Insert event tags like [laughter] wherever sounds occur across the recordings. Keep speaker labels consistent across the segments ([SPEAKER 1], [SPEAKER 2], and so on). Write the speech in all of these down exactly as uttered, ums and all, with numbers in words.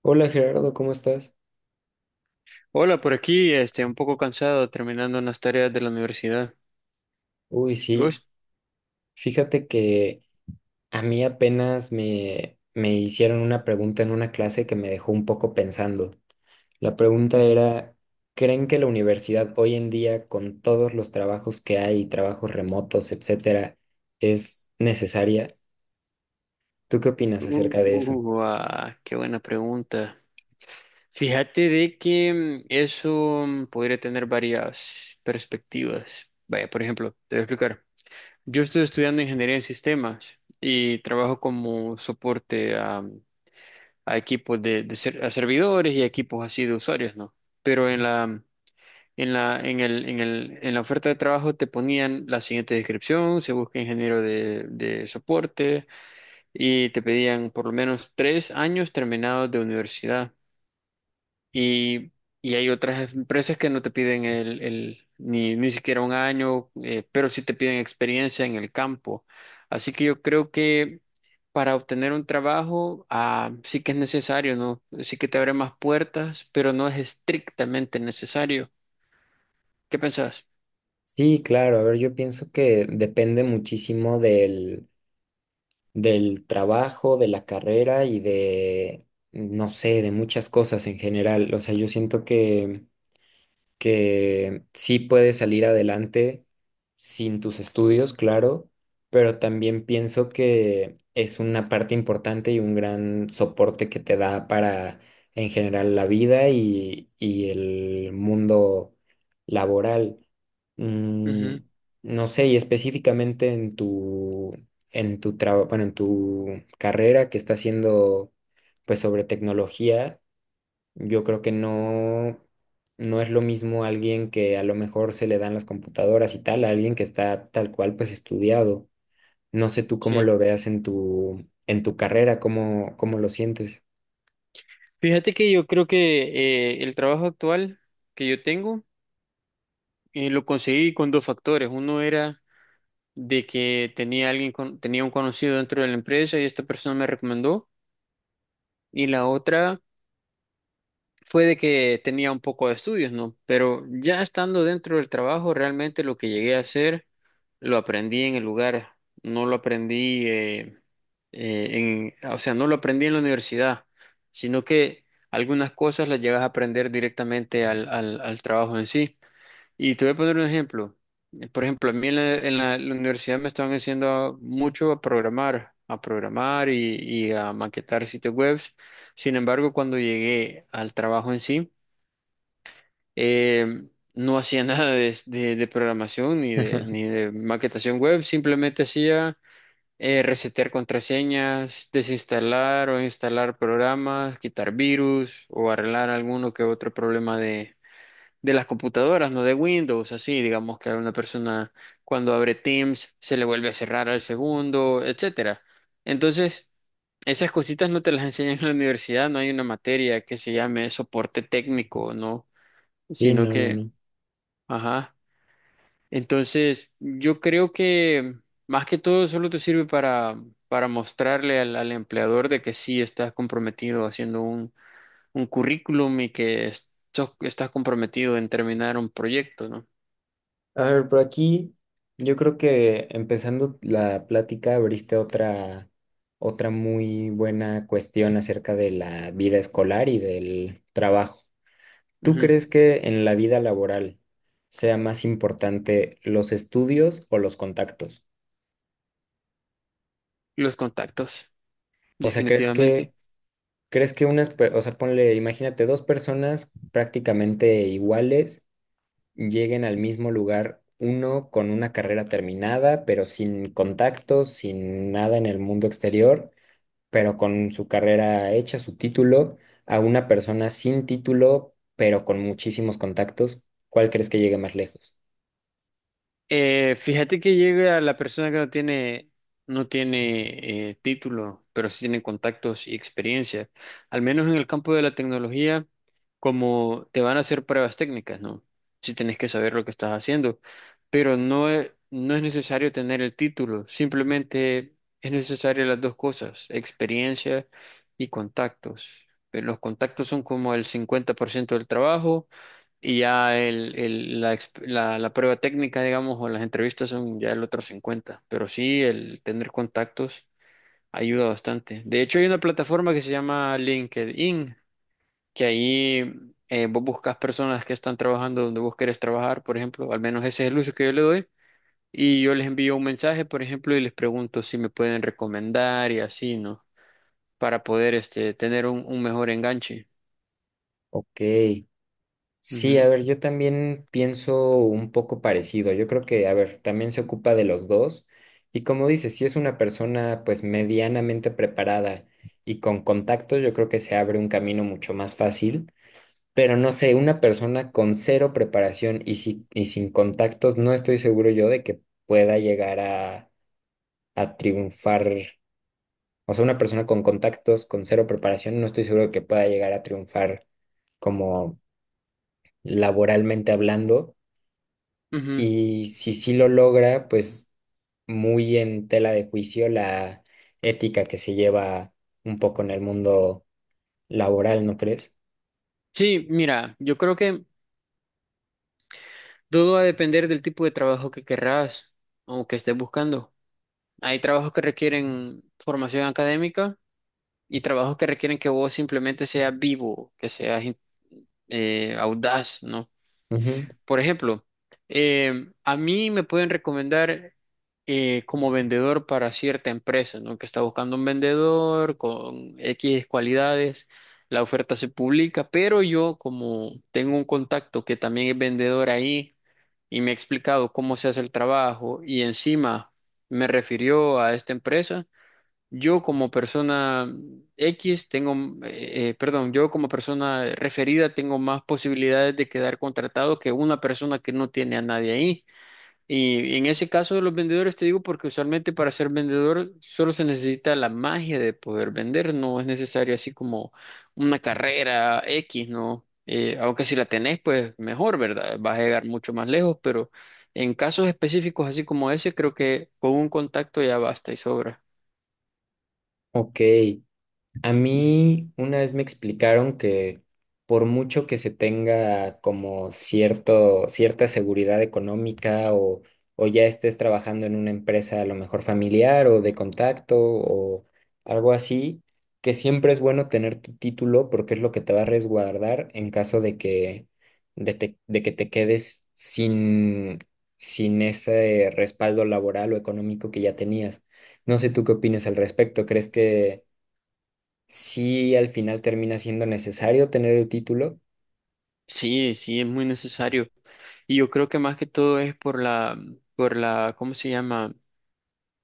[SPEAKER 1] Hola Gerardo, ¿cómo estás?
[SPEAKER 2] Hola, por aquí, este, un poco cansado terminando unas tareas de la universidad.
[SPEAKER 1] Uy,
[SPEAKER 2] ¿Y
[SPEAKER 1] sí,
[SPEAKER 2] vos?
[SPEAKER 1] fíjate que a mí apenas me, me hicieron una pregunta en una clase que me dejó un poco pensando. La pregunta
[SPEAKER 2] Ujú.
[SPEAKER 1] era, ¿creen que la universidad hoy en día, con todos los trabajos que hay, trabajos remotos, etcétera, es necesaria? ¿Tú qué opinas acerca de eso?
[SPEAKER 2] Uh, ah, qué buena pregunta. Fíjate de que mm, eso mm, podría tener varias perspectivas. Vaya, por ejemplo, te voy a explicar. Yo estoy estudiando ingeniería en sistemas y trabajo como soporte a, a equipos de, de ser- a servidores y equipos así de usuarios, ¿no? Pero en la En la, en el, en el, en la oferta de trabajo te ponían la siguiente descripción, se busca ingeniero de, de soporte y te pedían por lo menos tres años terminados de universidad. Y, y hay otras empresas que no te piden el, el- ni, ni siquiera un año, eh, pero sí te piden experiencia en el campo. Así que yo creo que para obtener un trabajo, ah, sí que es necesario, ¿no? Sí que te abre más puertas, pero no es estrictamente necesario. ¿Qué pensás?
[SPEAKER 1] Sí, claro, a ver, yo pienso que depende muchísimo del del trabajo, de la carrera y de, no sé, de muchas cosas en general. O sea, yo siento que que sí puedes salir adelante sin tus estudios, claro, pero también pienso que es una parte importante y un gran soporte que te da para, en general, la vida y, y el mundo laboral. Mm, no sé, y específicamente en tu, en tu trabajo, bueno, en tu carrera que está haciendo, pues, sobre tecnología yo creo que no, no es lo mismo alguien que a lo mejor se le dan las computadoras y tal, a alguien que está tal cual pues estudiado. No sé tú cómo
[SPEAKER 2] Sí,
[SPEAKER 1] lo veas en tu, en tu carrera, cómo, cómo lo sientes.
[SPEAKER 2] fíjate que yo creo que eh, el trabajo actual que yo tengo eh, lo conseguí con dos factores. Uno era de que tenía alguien con- tenía un conocido dentro de la empresa y esta persona me recomendó. Y la otra fue de que tenía un poco de estudios, ¿no? Pero ya estando dentro del trabajo, realmente lo que llegué a hacer lo aprendí en el lugar, no lo aprendí eh, eh, en, o sea, no lo aprendí en la universidad, sino que algunas cosas las llegas a aprender directamente al, al, al trabajo en sí. Y te voy a poner un ejemplo. Eh, Por ejemplo, a mí en la, en la- la universidad me estaban enseñando mucho a programar, a programar y, y a maquetar sitios web. Sin embargo, cuando llegué al trabajo en sí, eh, no hacía [laughs] nada de, de- de programación ni de, ni
[SPEAKER 1] [laughs]
[SPEAKER 2] de maquetación web, simplemente hacía eh, resetear contraseñas, desinstalar o instalar programas, quitar virus o arreglar alguno que otro problema de las computadoras, no de Windows, así, digamos que a una persona cuando abre Teams se le vuelve a cerrar al segundo, etcétera. Entonces, esas cositas no te las [laughs] enseñan en la universidad, no hay una materia que se llame soporte técnico, ¿no?
[SPEAKER 1] Sí,
[SPEAKER 2] Sino
[SPEAKER 1] no, no,
[SPEAKER 2] que,
[SPEAKER 1] no.
[SPEAKER 2] ajá. Entonces, yo creo que más que todo solo te sirve para, para mostrarle al, al empleador de que sí estás comprometido haciendo un, un currículum y que es- sos- estás comprometido en terminar un proyecto, ¿no?
[SPEAKER 1] A ver, por aquí yo creo que empezando la plática abriste otra, otra muy buena cuestión acerca de la vida escolar y del trabajo. ¿Tú
[SPEAKER 2] Ujú.
[SPEAKER 1] crees que en la vida laboral sea más importante los estudios o los contactos?
[SPEAKER 2] Los contactos,
[SPEAKER 1] O sea, ¿crees
[SPEAKER 2] definitivamente.
[SPEAKER 1] que, crees que unas, per- o sea, ponle, imagínate, dos personas prácticamente iguales lleguen al mismo lugar, uno con una carrera terminada, pero sin contactos, sin nada en el mundo exterior, pero con su carrera hecha, su título, a una persona sin título, pero con muchísimos contactos? ¿Cuál crees que llegue más lejos?
[SPEAKER 2] Eh, fíjate que llega la persona que no tiene, no tiene eh, título, pero sí tiene contactos y experiencia. Al menos en el campo de la tecnología, como te van a hacer pruebas técnicas, ¿no? Si tenés que saber lo que estás haciendo, pero no es, no es necesario tener el título, simplemente es necesario las dos cosas, experiencia y contactos. Eh, Los contactos son como el cincuenta por ciento del trabajo. Y ya el, el- la, exp- la- la prueba técnica, digamos, o las entrevistas son ya el otro cincuenta. Pero sí, el tener contactos ayuda bastante. De hecho, hay una plataforma que se llama LinkedIn, que ahí eh, vos buscas personas que están trabajando donde vos querés trabajar, por ejemplo. Al menos ese es el uso que yo le doy. Y yo les envío un mensaje, por ejemplo, y les pregunto si me pueden recomendar y así, ¿no? Para poder este, tener un, un mejor enganche.
[SPEAKER 1] Ok. Sí, a
[SPEAKER 2] Ujú,
[SPEAKER 1] ver, yo también pienso un poco parecido. Yo creo que, a ver, también se ocupa de los dos. Y como dices, si es una persona pues medianamente preparada y con contactos, yo creo que se abre un camino mucho más fácil. Pero no sé, una persona con cero preparación y, si- y sin contactos, no estoy seguro yo de que pueda llegar a, a triunfar. O sea, una persona con contactos, con cero preparación, no estoy seguro de que pueda llegar a triunfar como laboralmente hablando.
[SPEAKER 2] ujú.
[SPEAKER 1] Y si sí lo logra, pues muy en tela de juicio la ética que se lleva un poco en el mundo laboral, ¿no crees?
[SPEAKER 2] Sí, mira, yo creo que todo va a depender del tipo de trabajo que querrás o que estés buscando. Hay trabajos que requieren formación académica y trabajos que requieren que vos simplemente seas vivo, que seas in- eh, audaz, ¿no?
[SPEAKER 1] Ujú.
[SPEAKER 2] Por ejemplo, eh, a mí me pueden recomendar eh, como vendedor para cierta empresa, ¿no? Que está buscando un vendedor con X cualidades. La oferta se publica, pero yo como tengo un contacto que también es vendedor ahí, y me ha explicado cómo se hace el trabajo y encima me refirió a esta empresa, yo como persona X tengo, eh, eh, perdón, yo como persona referida tengo más posibilidades de quedar contratado que una persona que no tiene a nadie ahí. Y en ese caso de los vendedores te digo porque usualmente para ser vendedor solo se necesita la magia de poder vender, no es necesario así como una carrera X, ¿no? Eh, aunque si la tenés, pues mejor, ¿verdad? Vas a llegar mucho más lejos, pero en casos específicos así como ese, creo que con un contacto ya basta y sobra.
[SPEAKER 1] Ok. A
[SPEAKER 2] Ujú.
[SPEAKER 1] mí una vez me explicaron que por mucho que se tenga como cierto, cierta seguridad económica o, o ya estés trabajando en una empresa a lo mejor familiar o de contacto o algo así, que siempre es bueno tener tu título porque es lo que te va a resguardar en caso de que, de te- de que te quedes sin, sin ese respaldo laboral o económico que ya tenías. No sé tú qué opinas al respecto. ¿Crees que sí, al final termina siendo necesario tener el título,
[SPEAKER 2] Sí, sí, es muy necesario. Y yo creo que más que todo es por la, por la, ¿cómo se llama?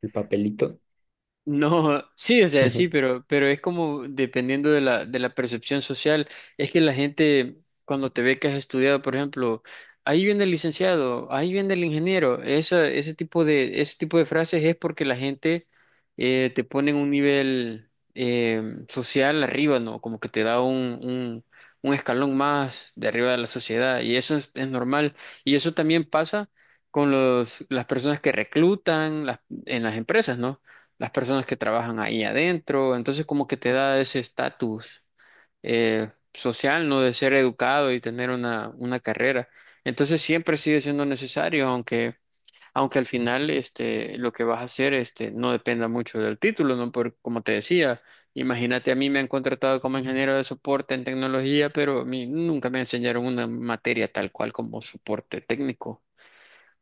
[SPEAKER 1] el papelito?
[SPEAKER 2] No, sí, o sea, sí,
[SPEAKER 1] [laughs]
[SPEAKER 2] pero, pero es como dependiendo de la, de la percepción social. Es que la gente, cuando te ve que has estudiado, por ejemplo, ahí viene el licenciado, ahí viene el ingeniero, esa- ese tipo de, ese tipo de frases es porque la gente eh, te pone en un nivel eh, social arriba, ¿no? Como que te da un, un, un escalón más de arriba de la sociedad. Y eso es, es normal. Y eso también pasa con los, las personas que reclutan las- en las empresas, ¿no? Las personas que trabajan ahí adentro, entonces como que te da ese estatus eh, social, ¿no? De ser educado y tener una, una carrera. Entonces siempre sigue siendo necesario, aunque, aunque al final este, lo que vas a hacer este, no dependa mucho del título, ¿no? Porque como te decía, imagínate, a mí me han contratado como ingeniero de soporte en tecnología, pero a mí nunca me enseñaron una materia tal cual como soporte técnico.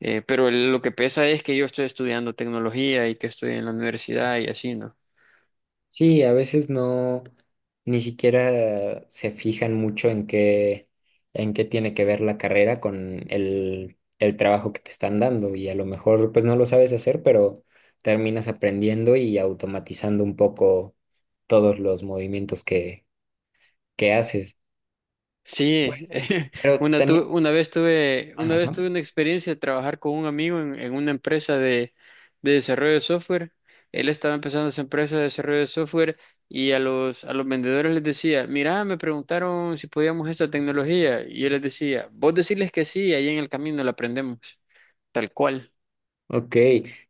[SPEAKER 2] Eh, pero lo que pesa es que yo estoy estudiando tecnología y que estoy en la universidad y así, ¿no?
[SPEAKER 1] Sí, a veces no, ni siquiera se fijan mucho en qué, en qué tiene que ver la carrera con el, el trabajo que te están dando y a lo mejor pues no lo sabes hacer, pero terminas aprendiendo y automatizando un poco todos los movimientos que, que haces.
[SPEAKER 2] Sí,
[SPEAKER 1] Pues,
[SPEAKER 2] [laughs]
[SPEAKER 1] pero
[SPEAKER 2] una,
[SPEAKER 1] también...
[SPEAKER 2] tu- una vez tuve, una vez
[SPEAKER 1] Ajá.
[SPEAKER 2] tuve una experiencia de trabajar con un amigo en, en una empresa de, de desarrollo de software. Él estaba empezando su empresa de desarrollo de software y a los, a los vendedores les decía, mira, me preguntaron si podíamos esta tecnología. Y yo les decía, vos decirles que sí, ahí en el camino la aprendemos, tal cual.
[SPEAKER 1] Ok,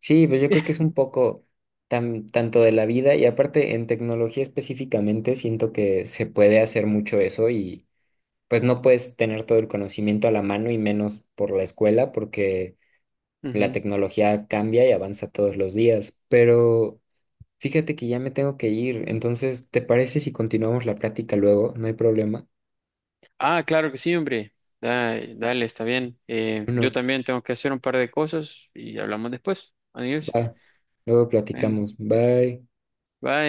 [SPEAKER 1] sí, pues yo creo que es
[SPEAKER 2] [laughs]
[SPEAKER 1] un poco tan, tanto de la vida y aparte en tecnología específicamente siento que se puede hacer mucho eso y pues no puedes tener todo el conocimiento a la mano y menos por la escuela porque la
[SPEAKER 2] Ujú.
[SPEAKER 1] tecnología cambia y avanza todos los días. Pero fíjate que ya me tengo que ir, entonces ¿te parece si continuamos la plática luego? No hay problema.
[SPEAKER 2] Ah, claro que sí, hombre. Dale, dale, está bien. Eh, yo
[SPEAKER 1] Bueno,
[SPEAKER 2] también tengo que hacer un par de cosas y hablamos después. Adiós.
[SPEAKER 1] va, luego
[SPEAKER 2] Bueno,
[SPEAKER 1] platicamos. Bye.
[SPEAKER 2] bye.